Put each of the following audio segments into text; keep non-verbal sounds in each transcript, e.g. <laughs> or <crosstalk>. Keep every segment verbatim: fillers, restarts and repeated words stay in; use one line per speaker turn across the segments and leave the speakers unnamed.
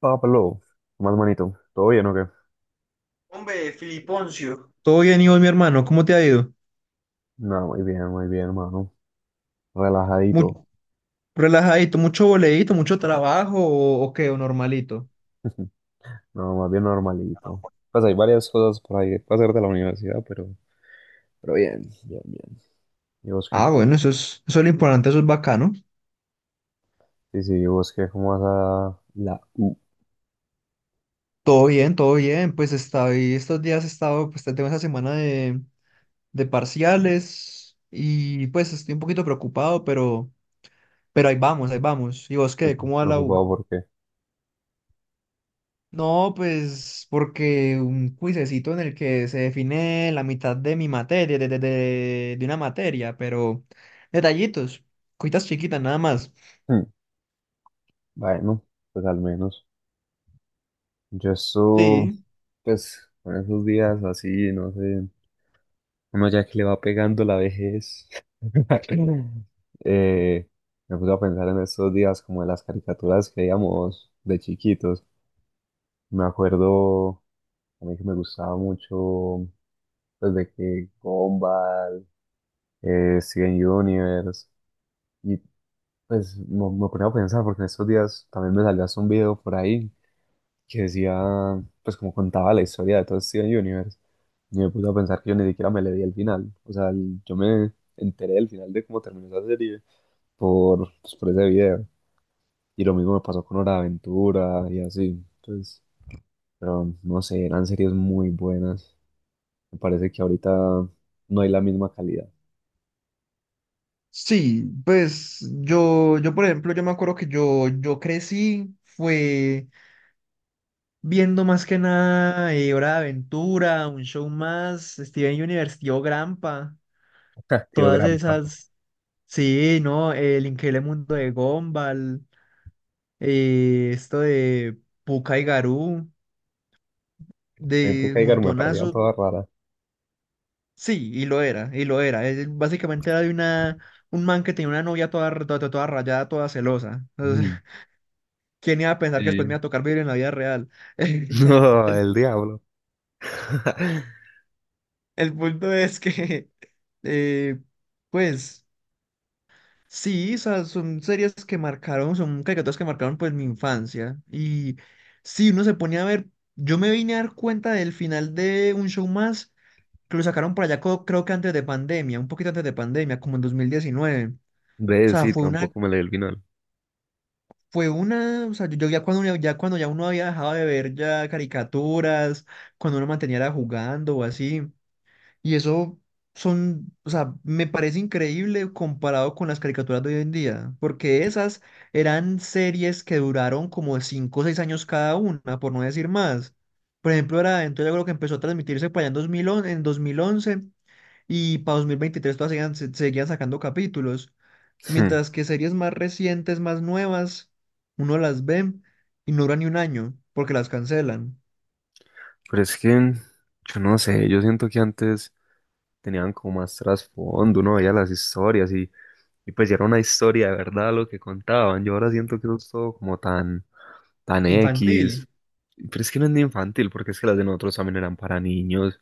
Pablo, más manito, ¿todo bien o qué?
Hombre, Filiponcio. Todo bien, Iván, mi hermano, ¿cómo te ha ido?
No, muy bien, muy bien, hermano.
Mu-
Relajadito,
Relajadito, mucho boleíto, mucho trabajo o, o qué, o normalito.
no, más bien normalito. Pues hay varias cosas por ahí para hacer de la universidad, pero, pero bien, bien, bien. ¿Y vos qué?
Ah, bueno, eso es, eso es lo importante, eso es bacano.
Sí, sí, ¿y vos qué? ¿Cómo vas a la U?
Todo bien, todo bien, pues estoy, estos días he estado, pues tengo esa semana de, de parciales y pues estoy un poquito preocupado, pero, pero ahí vamos, ahí vamos. ¿Y vos qué?
Estoy
¿Cómo va la U?
preocupado porque,
No, pues porque un cuisecito en el que se define la mitad de mi materia, de, de, de, de una materia, pero detallitos, cuitas chiquitas nada más.
hmm, bueno, pues al menos. Yo eso,
Sí.
pues, con esos días así, no sé, uno ya que le va pegando la vejez. Eh, Me puse a pensar en estos días como en las caricaturas que veíamos de chiquitos. Me acuerdo a mí que me gustaba mucho, pues de que Gumball, eh, Steven Universe, y pues me, me ponía a pensar porque en estos días también me salió hasta un video por ahí que decía, pues como contaba la historia de todo Steven Universe. Y me puse a pensar que yo ni siquiera me le di el final. O sea, el- yo me enteré del final de cómo terminó esa serie por, pues, por ese video. Y lo mismo me pasó con Hora de Aventura y así. Entonces, pero no sé, eran series muy buenas. Me parece que ahorita no hay la misma calidad.
Sí, pues yo, yo por ejemplo, yo me acuerdo que yo, yo crecí, fue viendo más que nada eh, Hora de Aventura, un show más, Steven Universe, Tío Grampa,
<laughs> Tío
todas
Grampa.
esas, sí, ¿no? El increíble mundo de Gumball. Eh, esto de Pucca y Garú,
En
de
época Edgar me parecía
Montonazo,
toda rara.
sí, y lo era, y lo era. Es- básicamente era de una, un man que tenía una novia toda, r- toda, toda rayada, toda celosa. Entonces,
Mm.
<laughs> ¿quién iba a pensar que
Sí.
después me iba a tocar vivir en la vida real? <laughs>
<laughs> No,
El,
el diablo. <laughs>
el punto es que, eh, pues, sí, o sea, son series que marcaron, son caricaturas que marcaron pues mi infancia. Y si uno se ponía a ver, yo me vine a dar cuenta del final de Un Show Más que lo sacaron por allá, co- creo que antes de pandemia, un poquito antes de pandemia, como en dos mil diecinueve. O
Ve,
sea,
sí,
fue una,
tampoco me leí el final.
fue una, o sea, yo, yo ya cuando, uno- ya cuando ya uno había dejado de ver ya caricaturas, cuando uno mantenía era jugando o así, y eso son, o sea, me parece increíble comparado con las caricaturas de hoy en día, porque esas eran series que duraron como cinco o seis años cada una, por no decir más. Por ejemplo, era, entonces yo creo que empezó a transmitirse para allá en dos mil once, en dos mil once y para dos mil veintitrés todavía seguían, se- seguían sacando capítulos.
Hmm.
Mientras que series más recientes, más nuevas, uno las ve y no dura ni un año, porque las cancelan.
Pero es que yo no sé, yo siento que antes tenían como más trasfondo, uno veía las historias y, y pues ya era una historia de verdad lo que contaban. Yo ahora siento que eso es todo como tan, tan
Infantil.
X, pero es que no es ni infantil, porque es que las de nosotros también eran para niños,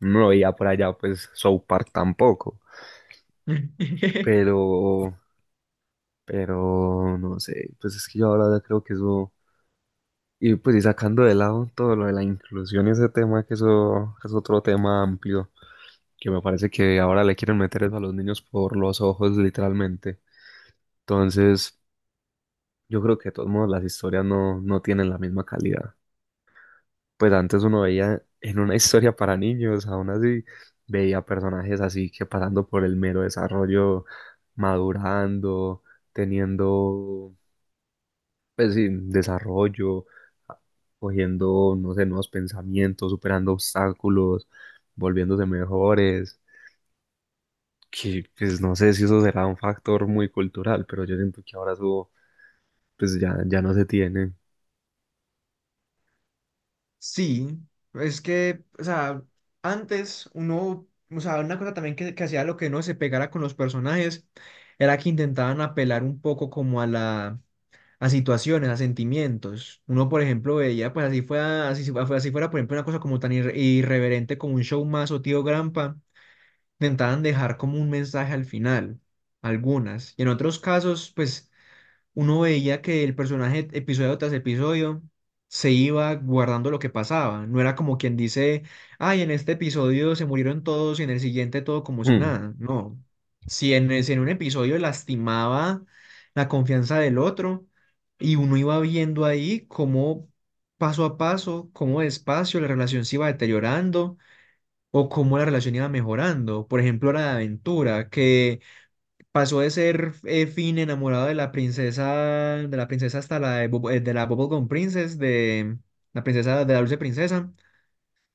no lo veía por allá pues South Park tampoco,
<laughs>
pero, pero no sé, pues es que yo ahora creo que eso... Y pues y sacando de lado todo lo de la inclusión y ese tema, que eso es otro tema amplio, que me parece que ahora le quieren meter eso a los niños por los ojos, literalmente. Entonces, yo creo que de todos modos las historias no, no tienen la misma calidad. Pues antes uno veía en una <laughs> historia para niños, aún así veía personajes así que pasando por el mero desarrollo, madurando, teniendo, pues sí, desarrollo, a- cogiendo, no sé, nuevos pensamientos, superando obstáculos, volviéndose mejores. Que pues no sé si eso será un factor muy cultural, pero yo siento que ahora eso pues ya, ya no se tiene.
Sí, es que, o sea, antes uno, o sea, una cosa también que, que hacía lo que no se pegara con los personajes era que intentaban apelar un poco como a la, a situaciones, a sentimientos. Uno, por ejemplo, veía, pues así fuera, así, fu- así fuera, por ejemplo, una cosa como tan irre- irreverente como un show más o Tío Grampa, intentaban dejar como un mensaje al final, algunas. Y en otros casos, pues uno veía que el personaje episodio tras episodio se iba guardando lo que pasaba. No era como quien dice, ay, en este episodio se murieron todos y en el siguiente todo como si
<laughs>
nada. No. Si en, el- si en un episodio lastimaba la confianza del otro y uno iba viendo ahí cómo paso a paso, cómo despacio la relación se iba deteriorando o cómo la relación iba mejorando. Por ejemplo, la de Aventura, que pasó de ser eh, Finn enamorado de la princesa, de la princesa hasta la de, Bubble- eh, de la Bubblegum Princess, de la princesa de la dulce princesa,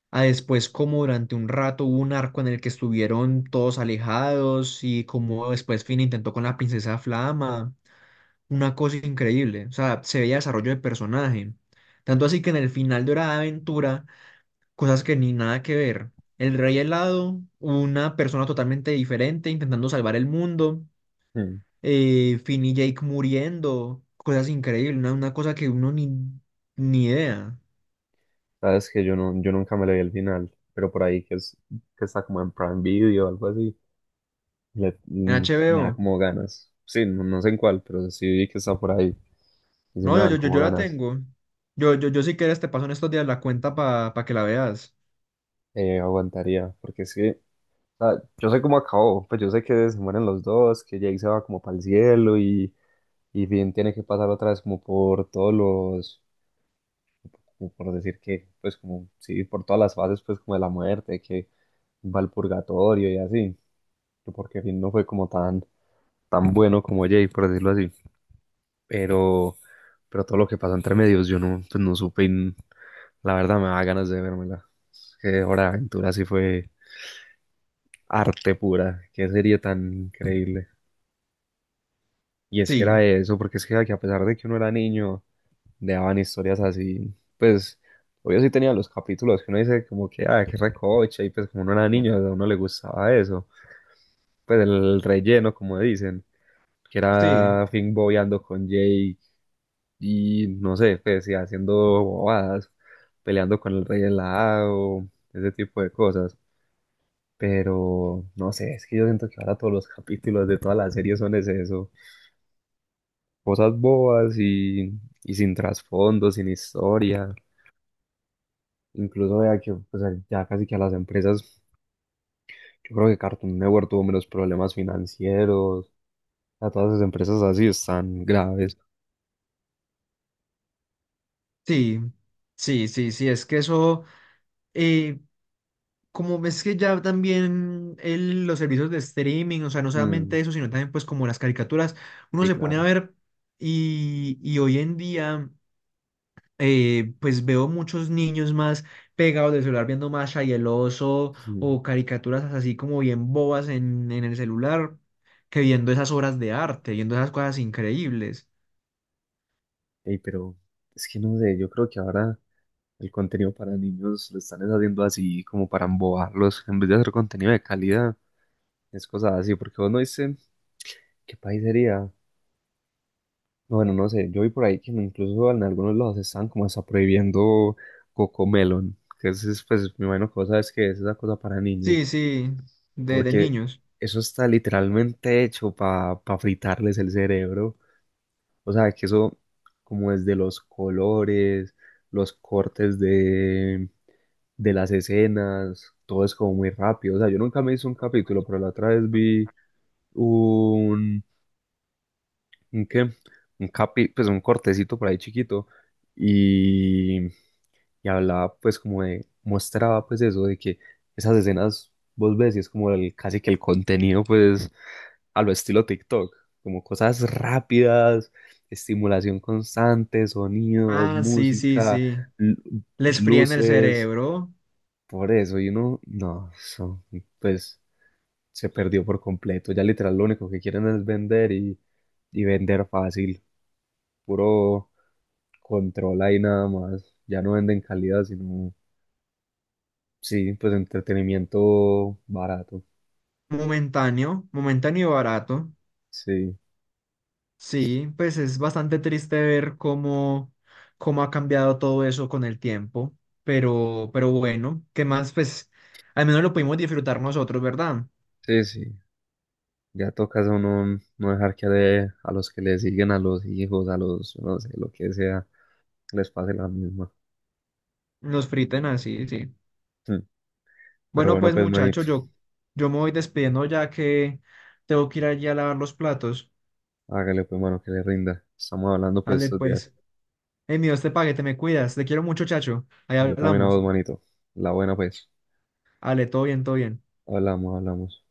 a después como durante un rato hubo un arco en el que estuvieron todos alejados y como después Finn intentó con la princesa Flama, una cosa increíble, o sea, se veía desarrollo de personaje. Tanto así que en el final de Hora de Aventura, cosas que ni nada que ver. El rey helado, una persona totalmente diferente intentando salvar el mundo,
Mm, mm.
eh, Finn y Jake muriendo, cosas increíbles, una, una cosa que uno ni, ni idea.
Sabes que yo, no, yo nunca me le vi el final, pero por ahí que, es, que está como en Prime Video o algo así, le-
En
mm, me da
H B O.
como ganas. Sí, no, no sé en cuál, pero sí vi que está por ahí y sí
No,
me
yo, yo,
dan
yo,
como
yo la
ganas.
tengo. Yo, yo, yo si quieres te paso en estos días la cuenta para que la veas.
Eh, aguantaría, porque sí, o sea, yo sé cómo acabó, pues yo sé que se mueren los dos, que Jake se va como para el cielo y, y Finn tiene que pasar otra vez como por todos los, como por decir que, pues como, sí, por todas las fases pues como de la muerte, que va al purgatorio y así, que porque Finn no fue como tan tan bueno como Jay, por decirlo así. Pero, pero todo lo que pasó entre medios, yo no, pues no supe y n- la verdad me da ganas de vérmela. Es que Hora de Aventura sí fue arte pura, qué serie tan increíble. Y es que
Sí,
era eso, porque es que a que a pesar de que uno era niño, le daban historias así, pues obvio sí tenía los capítulos que uno dice como que, ah, qué recoche, y pues como uno era niño, a uno le gustaba eso, pues el relleno, como dicen que
sí,
era Finn bobeando con Jake y no sé, pues sí, haciendo bobadas, peleando con el rey helado, ese tipo de cosas. Pero no sé, es que yo siento que ahora todos los capítulos de todas las series son es eso, cosas bobas y, y sin trasfondo, sin historia. Incluso vea que pues, ya casi que a las empresas, yo creo que Cartoon Network tuvo menos problemas financieros, a todas esas empresas así están graves.
sí, sí, sí, sí, es que eso, eh, como ves que ya también el- los servicios de streaming, o sea, no
Mm,
solamente eso, sino también pues como las caricaturas, uno
sí,
se pone a
claro.
ver y, y hoy en día... eh, pues veo muchos niños más pegados del celular viendo Masha y el oso
Mm.
o caricaturas así como bien bobas en, en el celular que viendo esas obras de arte, viendo esas cosas increíbles.
Ey, pero es que no sé, yo creo que ahora el contenido para niños lo están es haciendo así como para embobarlos. En vez de hacer contenido de calidad, es cosas así. Porque vos no dice qué país sería. Bueno, no sé. Yo vi por ahí que incluso en algunos lados están como hasta prohibiendo Cocomelon. Que es, es, pues, me imagino que vos sabes que es esa cosa para niños.
Sí, sí, de, de
Porque
niños.
eso está literalmente hecho para fritarles el cerebro. O sea, que eso, como desde los colores, los cortes de de las escenas, todo es como muy rápido. O sea, yo nunca me hice un capítulo, pero la otra vez vi un, ¿un qué? Un capi, pues un cortecito por ahí chiquito y, y hablaba pues como de, mostraba pues eso de que esas escenas vos ves y es como el, casi que el contenido pues a lo estilo TikTok, como cosas rápidas, estimulación constante, sonidos,
Ah, sí, sí,
música,
sí.
lu-
Les fríen el
luces.
cerebro,
Por eso, y uno, no, eso, pues se perdió por completo. Ya literal lo único que quieren es vender y, y vender fácil, puro control ahí nada más. Ya no venden calidad, sino, sí, pues entretenimiento barato.
momentáneo, momentáneo y barato.
Sí,
Sí, pues es bastante triste ver cómo, cómo ha cambiado todo eso con el tiempo, pero, pero bueno, ¿qué más? Pues al menos lo pudimos disfrutar nosotros, ¿verdad?
sí, sí. Ya toca a uno no dejar que de- a los que le siguen, a los hijos, a los, no sé, lo que sea, les pase la misma.
Los friten así, sí.
Mm. Pero
Bueno,
bueno,
pues
pues manito,
muchachos, yo, yo me voy despidiendo ya que tengo que ir allí a lavar los platos.
hágale pues mano que le rinda. Estamos hablando pues
Ale,
estos días.
pues, hey, mi Dios te pague, te me cuidas, te quiero mucho, chacho. Ahí
Yo también hago
hablamos.
dos manitos. La buena, pues.
Ale, todo bien, todo bien.
Hablamos, hablamos.